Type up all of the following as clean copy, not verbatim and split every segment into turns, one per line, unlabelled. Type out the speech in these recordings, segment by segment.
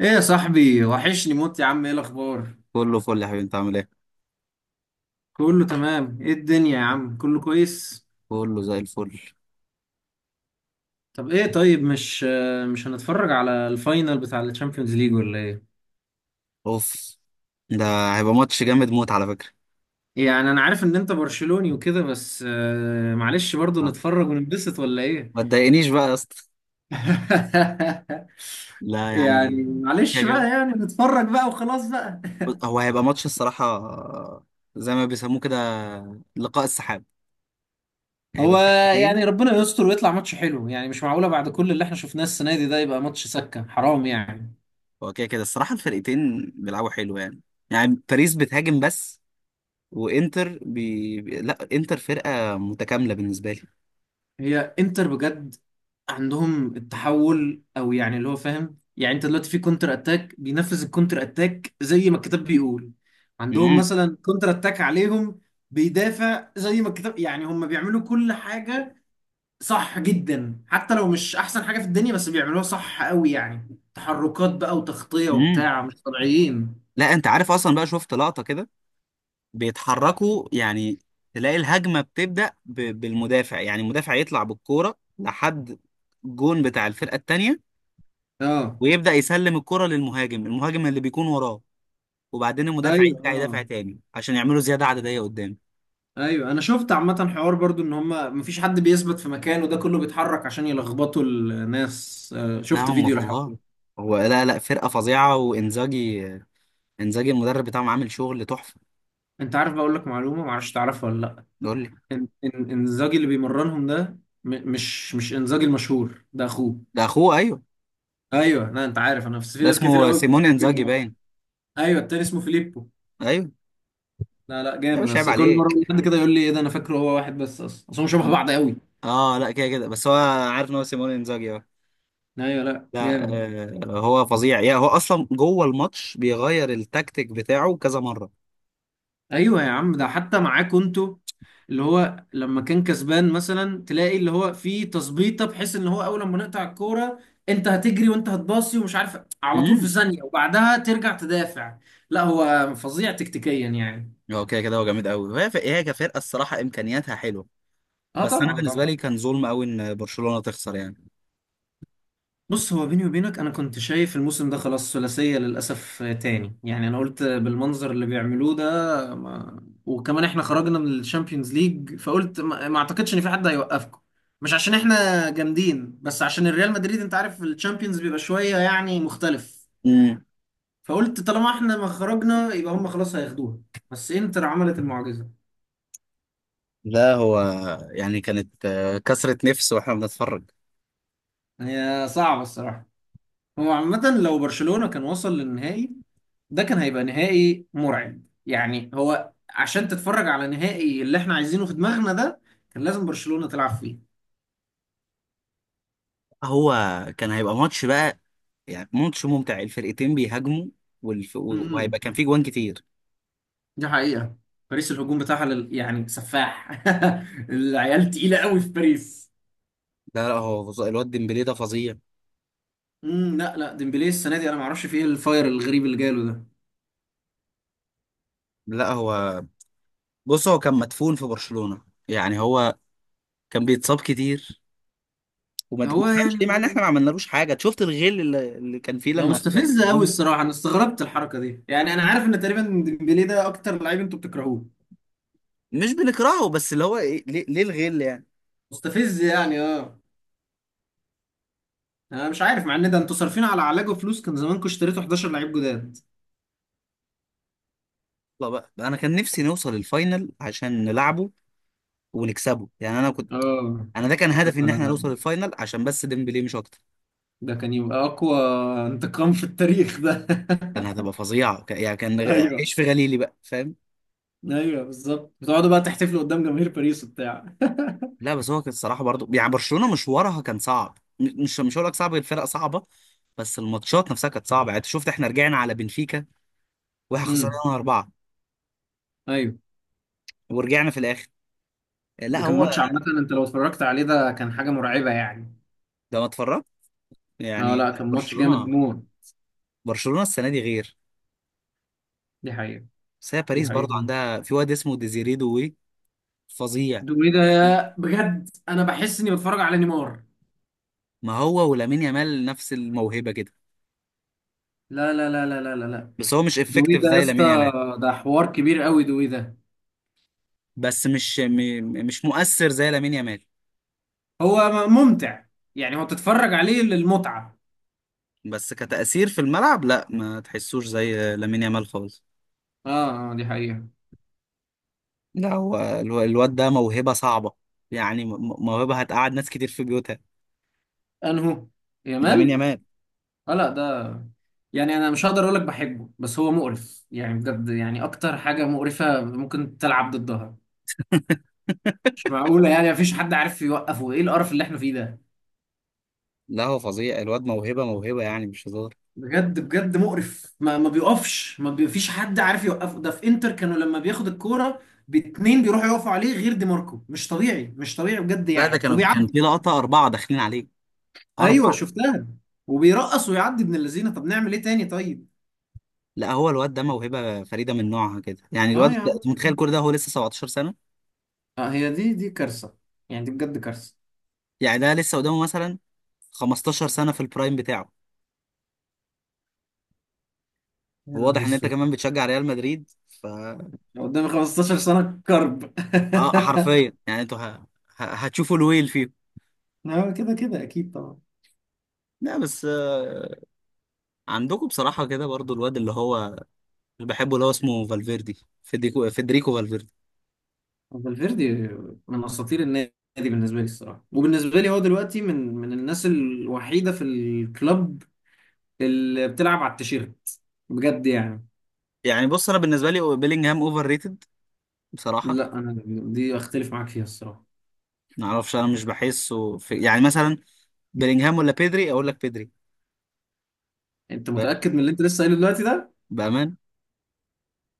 ايه يا صاحبي وحشني موت يا عم، ايه الاخبار؟
كله فل يا حبيبي، انت عامل ايه؟
كله تمام. ايه الدنيا يا عم؟ كله كويس.
كله زي الفل.
طب ايه؟ طيب، مش هنتفرج على الفاينل بتاع الشامبيونز ليج ولا ايه؟
اوف. ده هيبقى ماتش جامد موت على فكره.
يعني انا عارف ان انت برشلوني وكده، بس معلش، برضو
اه.
نتفرج وننبسط ولا
ما
ايه؟
تضايقنيش بقى يا اسطى. لا
يعني
يعني كده
معلش
كده.
بقى، يعني نتفرج بقى وخلاص بقى.
هو هيبقى ماتش الصراحه، زي ما بيسموه كده، لقاء السحاب. هيبقى
هو
فرقتين.
يعني ربنا يستر ويطلع ماتش حلو، يعني مش معقولة بعد كل اللي احنا شفناه السنة دي ده يبقى ماتش سكة حرام يعني.
هو كده كده الصراحه الفرقتين بيلعبوا حلو يعني. يعني باريس بتهاجم بس، وانتر لا، انتر فرقه متكامله بالنسبه لي.
هي انتر بجد عندهم التحول، او يعني اللي هو فاهم، يعني انت دلوقتي في كونتر اتاك بينفذ الكونتر اتاك زي ما الكتاب بيقول. عندهم
امم.
مثلا كونتر اتاك عليهم بيدافع زي ما الكتاب، يعني هم بيعملوا كل حاجة صح جدا، حتى لو مش احسن حاجة في الدنيا بس بيعملوها صح قوي، يعني تحركات بقى وتغطية
امم.
وبتاع مش طبيعيين.
لا انت عارف، اصلا بقى شفت لقطه كده، بيتحركوا يعني. تلاقي الهجمة بتبدأ بالمدافع. يعني المدافع يطلع بالكورة لحد الجون بتاع الفرقة التانية،
اه
ويبدأ يسلم الكرة للمهاجم. المهاجم اللي بيكون وراه، وبعدين المدافع
ايوه.
يرجع يدافع
اه
تاني عشان يعملوا زيادة عددية قدام.
ايوه، انا شفت عامه حوار برضو ان هما مفيش حد بيثبت في مكانه، ده كله بيتحرك عشان يلخبطوا الناس.
لا
شفت
هم
فيديو للحوار
فظاع.
ده.
هو لا لا، فرقة فظيعة، وانزاجي، انزاجي المدرب بتاعهم عامل شغل تحفة.
انت عارف، بقول لك معلومه معرفش تعرفها ولا لا؟
يقول لي.
إن- انزاجي اللي بيمرنهم ده مش انزاجي المشهور ده، اخوه.
ده اخوه، ايوه.
ايوه، لا انت عارف، انا في
ده
ناس كتير
اسمه
قوي.
سيمون انزاجي باين.
ايوه التاني اسمه فيليبو.
ايوه.
لا لا
ده
جامد،
مش عيب
بس كل مره
عليك.
بقول لحد كده يقول لي ايه ده انا فاكره هو واحد، بس اصلا اصل هم شبه بعض قوي.
اه لا، كده كده بس هو عارف ان هو سيمون انزاجي، اه.
ايوه، لا
لا.
جامد.
هو فظيع. يعني هو اصلا جوه الماتش بيغير التكتيك بتاعه كذا مره.
ايوه يا عم، ده حتى معاكوا انتوا اللي هو لما كان كسبان مثلا تلاقي اللي هو في تظبيطه بحيث ان هو اول ما نقطع الكوره انت هتجري وانت هتباصي ومش عارف على طول في
امم.
ثانيه وبعدها ترجع تدافع. لا هو فظيع تكتيكيا يعني.
هو كده كده، هو جامد قوي. هي كفرقه الصراحه امكانياتها حلوه.
اه
بس انا
طبعا
بالنسبه
طبعا.
لي كان ظلم قوي ان برشلونه تخسر يعني.
بص، هو بيني وبينك انا كنت شايف الموسم ده خلاص ثلاثية للاسف تاني يعني، انا قلت بالمنظر اللي بيعملوه ده. ما... وكمان احنا خرجنا من الشامبيونز ليج فقلت ما اعتقدش ان في حد هيوقفكم. مش عشان احنا جامدين، بس عشان الريال مدريد انت عارف الشامبيونز بيبقى شوية يعني مختلف.
امم.
فقلت طالما احنا ما خرجنا يبقى هم خلاص هياخدوها، بس انتر عملت المعجزة.
لا هو يعني كانت، كسرة نفس واحنا بنتفرج.
هي صعبة الصراحة. هو عامة لو برشلونة كان وصل للنهائي ده كان هيبقى نهائي مرعب، يعني هو عشان تتفرج على نهائي اللي احنا عايزينه في دماغنا ده كان لازم برشلونة تلعب فيه.
هو كان هيبقى ماتش بقى. يعني ماتش ممتع، الفرقتين بيهاجموا.
امم،
وهيبقى كان فيه جوان كتير.
دي حقيقة. باريس الهجوم بتاعها يعني سفاح، العيال تقيلة قوي في باريس.
لا لا، هو الواد ديمبلي ده فظيع.
امم، لا لا ديمبلي السنة دي انا ما اعرفش فيه ايه الفاير الغريب اللي جاله ده.
لا هو بص، هو كان مدفون في برشلونة. يعني هو كان بيتصاب كتير، وما ما
هو
تفهمش
يعني
ليه، مع ان احنا
ما...
ما عملنالوش حاجه. أنت شفت الغل اللي كان فيه
ده
لما
مستفز قوي
كسبونا.
الصراحة، انا استغربت الحركة دي، يعني انا عارف ان تقريبا ديمبلي ده اكتر لعيب انتوا بتكرهوه.
مش بنكرهه، بس اللي هو إيه، ليه الغل يعني.
مستفز يعني اه. انا مش عارف مع ان ده انتوا صارفين على علاجه فلوس، كان زمانكم اشتريتوا 11 لعيب جداد.
يلا بقى، انا كان نفسي نوصل الفاينل عشان نلعبه ونكسبه يعني. انا كنت،
اه،
انا ده كان هدفي ان احنا نوصل
طب
الفاينل عشان بس ديمبلي، مش اكتر.
ده كان يبقى اقوى انتقام في التاريخ ده.
كان هتبقى فظيعه، يعني كان، ايش
ايوه.
في غليلي بقى، فاهم.
ايوه بالظبط، بتقعدوا بقى تحتفلوا قدام جماهير باريس وبتاع.
لا بس هو كان الصراحه برضو، يعني برشلونه مشوارها كان صعب. مش هقول لك صعب، الفرق صعبه. بس الماتشات نفسها كانت صعبه. يعني أنت شفت احنا رجعنا على بنفيكا واحنا خسرنا
امم،
4،
ايوه.
ورجعنا في الاخر.
ده
لا
كان
هو،
ماتش عامه، انت لو اتفرجت عليه ده كان حاجه مرعبه يعني.
ده ما اتفرجت.
اه
يعني
لا كان ماتش جامد
برشلونه،
موت.
برشلونه السنه دي غير.
دي حقيقه.
بس هي
دي
باريس
حقيقه.
برضو عندها في واد اسمه ديزيري دوي، فظيع.
دوي ده بجد انا بحس اني بتفرج على نيمار.
ما هو ولامين يامال نفس الموهبه كده،
لا لا لا لا لا لا لا.
بس هو مش
دوي
افكتيف
ده يا
زي
اسطى،
لامين يامال.
ده حوار كبير قوي دوي ده.
بس مش مؤثر زي لامين يامال.
هو ممتع، يعني هو تتفرج عليه للمتعة.
بس كتأثير في الملعب، لا ما تحسوش زي لامين يامال خالص.
اه اه دي حقيقة.
لا هو الواد ده موهبه صعبه. يعني موهبه هتقعد ناس كتير في بيوتها.
انهو؟
لامين
يامال؟
يامال.
اه لا ده يعني انا مش هقدر اقولك بحبه، بس هو مقرف يعني بجد، يعني اكتر حاجة مقرفة ممكن تلعب ضدها. مش معقولة يعني، مفيش حد عارف يوقفه، ايه القرف اللي احنا فيه ده.
لا هو فظيع، الواد موهبه موهبه، يعني مش هزار.
بجد بجد مقرف، ما بيقفش، ما بي- فيش حد عارف يوقفه. ده في انتر كانوا لما بياخد الكورة باتنين بيروحوا يقفوا عليه غير دي ماركو، مش طبيعي مش طبيعي بجد
لا ده
يعني
كان
وبيعدي.
في لقطة أربعة داخلين عليه.
ايوه
أربعة.
شفتها، وبيرقص ويعدي ابن اللذينه، طب نعمل ايه تاني طيب.
لا هو الواد ده موهبة فريدة من نوعها كده. يعني
اه
الواد
يا
ده،
عم.
أنت متخيل كل ده هو لسه 17 سنة؟
آه، هي دي كارثه، يعني دي بجد كارثه.
يعني ده لسه قدامه مثلا 15 سنة في البرايم بتاعه.
يا نهار
وواضح إن أنت
اسود،
كمان بتشجع ريال مدريد،
لو قدامي 15 سنه كرب.
آه، حرفيا يعني أنتوا هتشوفوا الويل فيه.
اه كده كده اكيد طبعا.
لا بس، عندكم بصراحة كده برضو الواد اللي هو، اللي بحبه، اللي هو اسمه فالفيردي. فيدريكو فالفيردي.
فالفيردي من اساطير النادي بالنسبه لي الصراحه، وبالنسبه لي هو دلوقتي من الناس الوحيده في الكلوب اللي بتلعب على التيشيرت بجد يعني.
يعني بص، أنا بالنسبة لي بيلينجهام أوفر ريتد، بصراحة.
لا انا دي اختلف معاك فيها الصراحه.
ما اعرفش، انا مش بحسه في، يعني مثلا بلينجهام ولا بيدري، اقول لك بيدري.
انت
ف-
متاكد من اللي انت لسه قايله دلوقتي ده؟
بامان.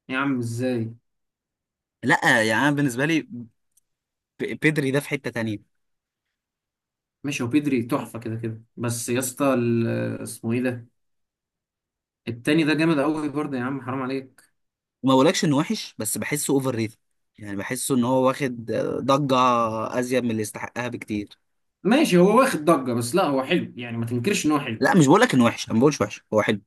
يا عم ازاي؟
لا يعني انا بالنسبه لي، بيدري ده في حته تانية.
ماشي، هو بيدري تحفة كده كده، بس يا اسطى، اسمه ايه ده، التاني ده جامد قوي برضه يا عم حرام عليك.
وما بقولكش انه وحش، بس بحسه اوفر ريتد. يعني بحسه ان هو واخد ضجه ازيد من اللي يستحقها بكتير.
ماشي، هو واخد ضجة، بس لا هو حلو يعني، ما تنكرش ان هو حلو.
لا مش بقولك انه وحش، انا ما بقولش وحش، هو حلو.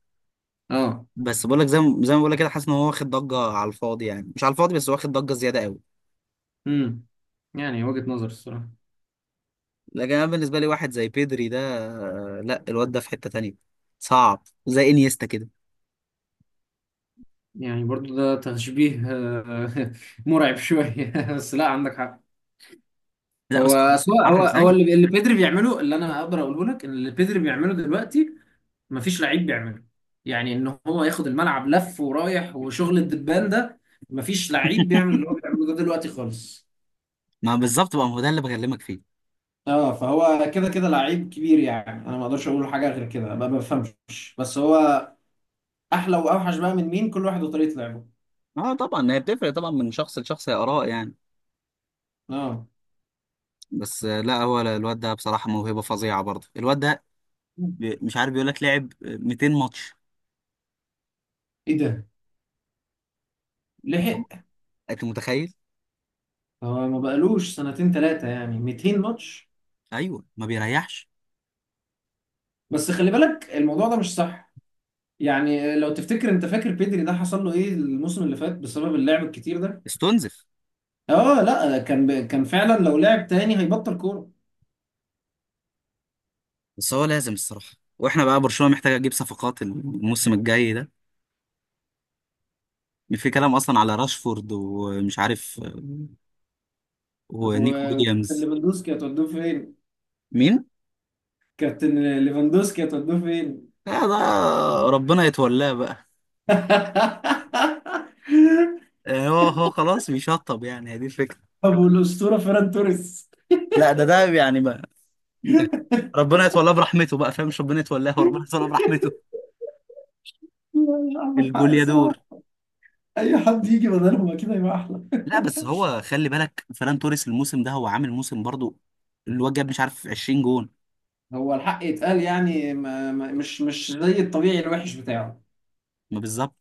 اه.
بس بقولك، زي ما بقولك كده، حاسس ان هو واخد ضجه على الفاضي. يعني مش على الفاضي، بس واخد ضجه زياده قوي.
امم، يعني وجهة نظر الصراحة.
لكن انا بالنسبه لي واحد زي بيدري ده، لا الواد ده في حته تانية، صعب زي انيستا كده.
يعني برضه ده تشبيه مرعب شوية، بس لا عندك حق.
لا بس هو
هو سواء هو
بيتحرك
هو
زيه.
اللي اللي بيدري بيعمله، اللي انا اقدر اقوله لك ان اللي بيدري بيعمله دلوقتي مفيش لعيب بيعمله، يعني ان هو ياخد الملعب لف ورايح وشغل الدبان ده، مفيش لعيب بيعمل اللي هو بيعمله ده دلوقتي خالص.
ما بالظبط بقى، ما هو ده اللي بكلمك فيه.
اه فهو كده كده لعيب كبير يعني، انا ما اقدرش اقول حاجه غير كده، ما بفهمش. بس هو احلى واوحش بقى من مين، كل واحد وطريقه لعبه.
اه طبعا، هي بتفرق طبعا من شخص لشخص، هي اراء يعني.
اه.
بس لا هو الواد ده بصراحه موهبه فظيعه برضه. الواد ده مش عارف، بيقول لك لعب 200 ماتش.
ايه ده؟ لحق؟
انت متخيل؟
هو ما بقالوش سنتين ثلاثه يعني 200 ماتش.
ايوه ما بيريحش،
بس خلي بالك الموضوع ده مش صح، يعني لو تفتكر انت فاكر بيدري ده حصل له ايه الموسم اللي فات بسبب اللعب الكتير ده.
استنزف.
اه لا كان كان فعلا لو لعب تاني هيبطل كوره.
بس هو لازم الصراحه، واحنا بقى برشلونه محتاجه تجيب صفقات الموسم الجاي ده. في كلام اصلا على راشفورد، ومش عارف،
طب
ونيكو
وكابتن
ويليامز.
ليفاندوسكي هتودوه فين؟
مين؟
كابتن ليفاندوسكي هتودوه فين؟
آه ده، ربنا يتولاه بقى. هو خلاص بيشطب يعني، هي دي الفكره.
طب والاسطوره فيران توريس.
لا ده يعني، ربنا يتولاه برحمته بقى، فاهم؟ مش ربنا يتولاه، وربنا يتولاه برحمته.
لا، عندك حق الصراحه.
الجوليادور.
اي حد يجي بدلهم اكيد هيبقى احلى.
لا بس هو خلي بالك، فران توريس الموسم ده هو عامل موسم برضو. الواد جاب مش عارف 20 جون.
هو الحق يتقال، يعني ما ما مش زي الطبيعي الوحش بتاعه.
ما بالظبط.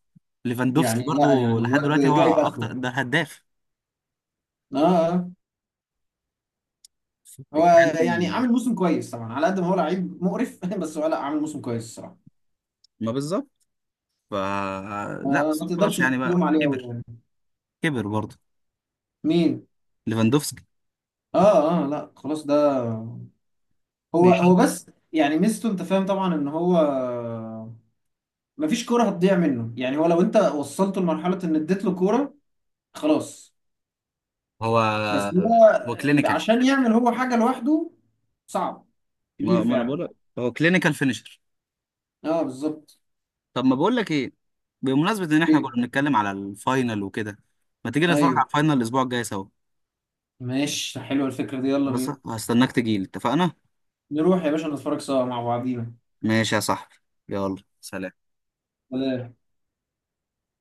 ليفاندوفسكي
يعني لا
برضو
يعني
لحد
الواد
دلوقتي هو
جايب اخره.
اكتر ده هداف.
اه. آه. هو يعني
بتتكلم.
عامل موسم كويس طبعا، على قد ما هو لعيب مقرف بس هو لا عامل موسم كويس الصراحه.
ما بالظبط. ف لا
ما,
بس
ما
هو خلاص،
تقدرش
يعني بقى
تلوم عليه أوي
كبر،
يعني.
كبر برضه.
مين؟
ليفاندوفسكي.
اه اه لا خلاص ده. هو
بيشط.
بس يعني ميزته، انت فاهم طبعا ان هو مفيش كوره هتضيع منه، يعني هو لو انت وصلته لمرحله ان اديت له كوره خلاص.
هو
بس هو
هو كلينيكال.
عشان يعمل هو حاجه لوحده صعب. كبير
ما انا
فعلا.
بقول لك، هو كلينيكال فينيشر.
اه بالظبط.
طب ما بقول لك ايه، بمناسبة ان احنا
إيه؟
كنا بنتكلم على الفاينل وكده، ما تيجي نتفرج
ايوه،
على الفاينل الاسبوع الجاي سوا؟
ماشي حلوه الفكره دي، يلا
بس
بينا.
هستناك تجيلي، اتفقنا؟
نروح يا باشا نتفرج سوا مع بعضينا.
ماشي يا صاحبي، يلا سلام.
سلام.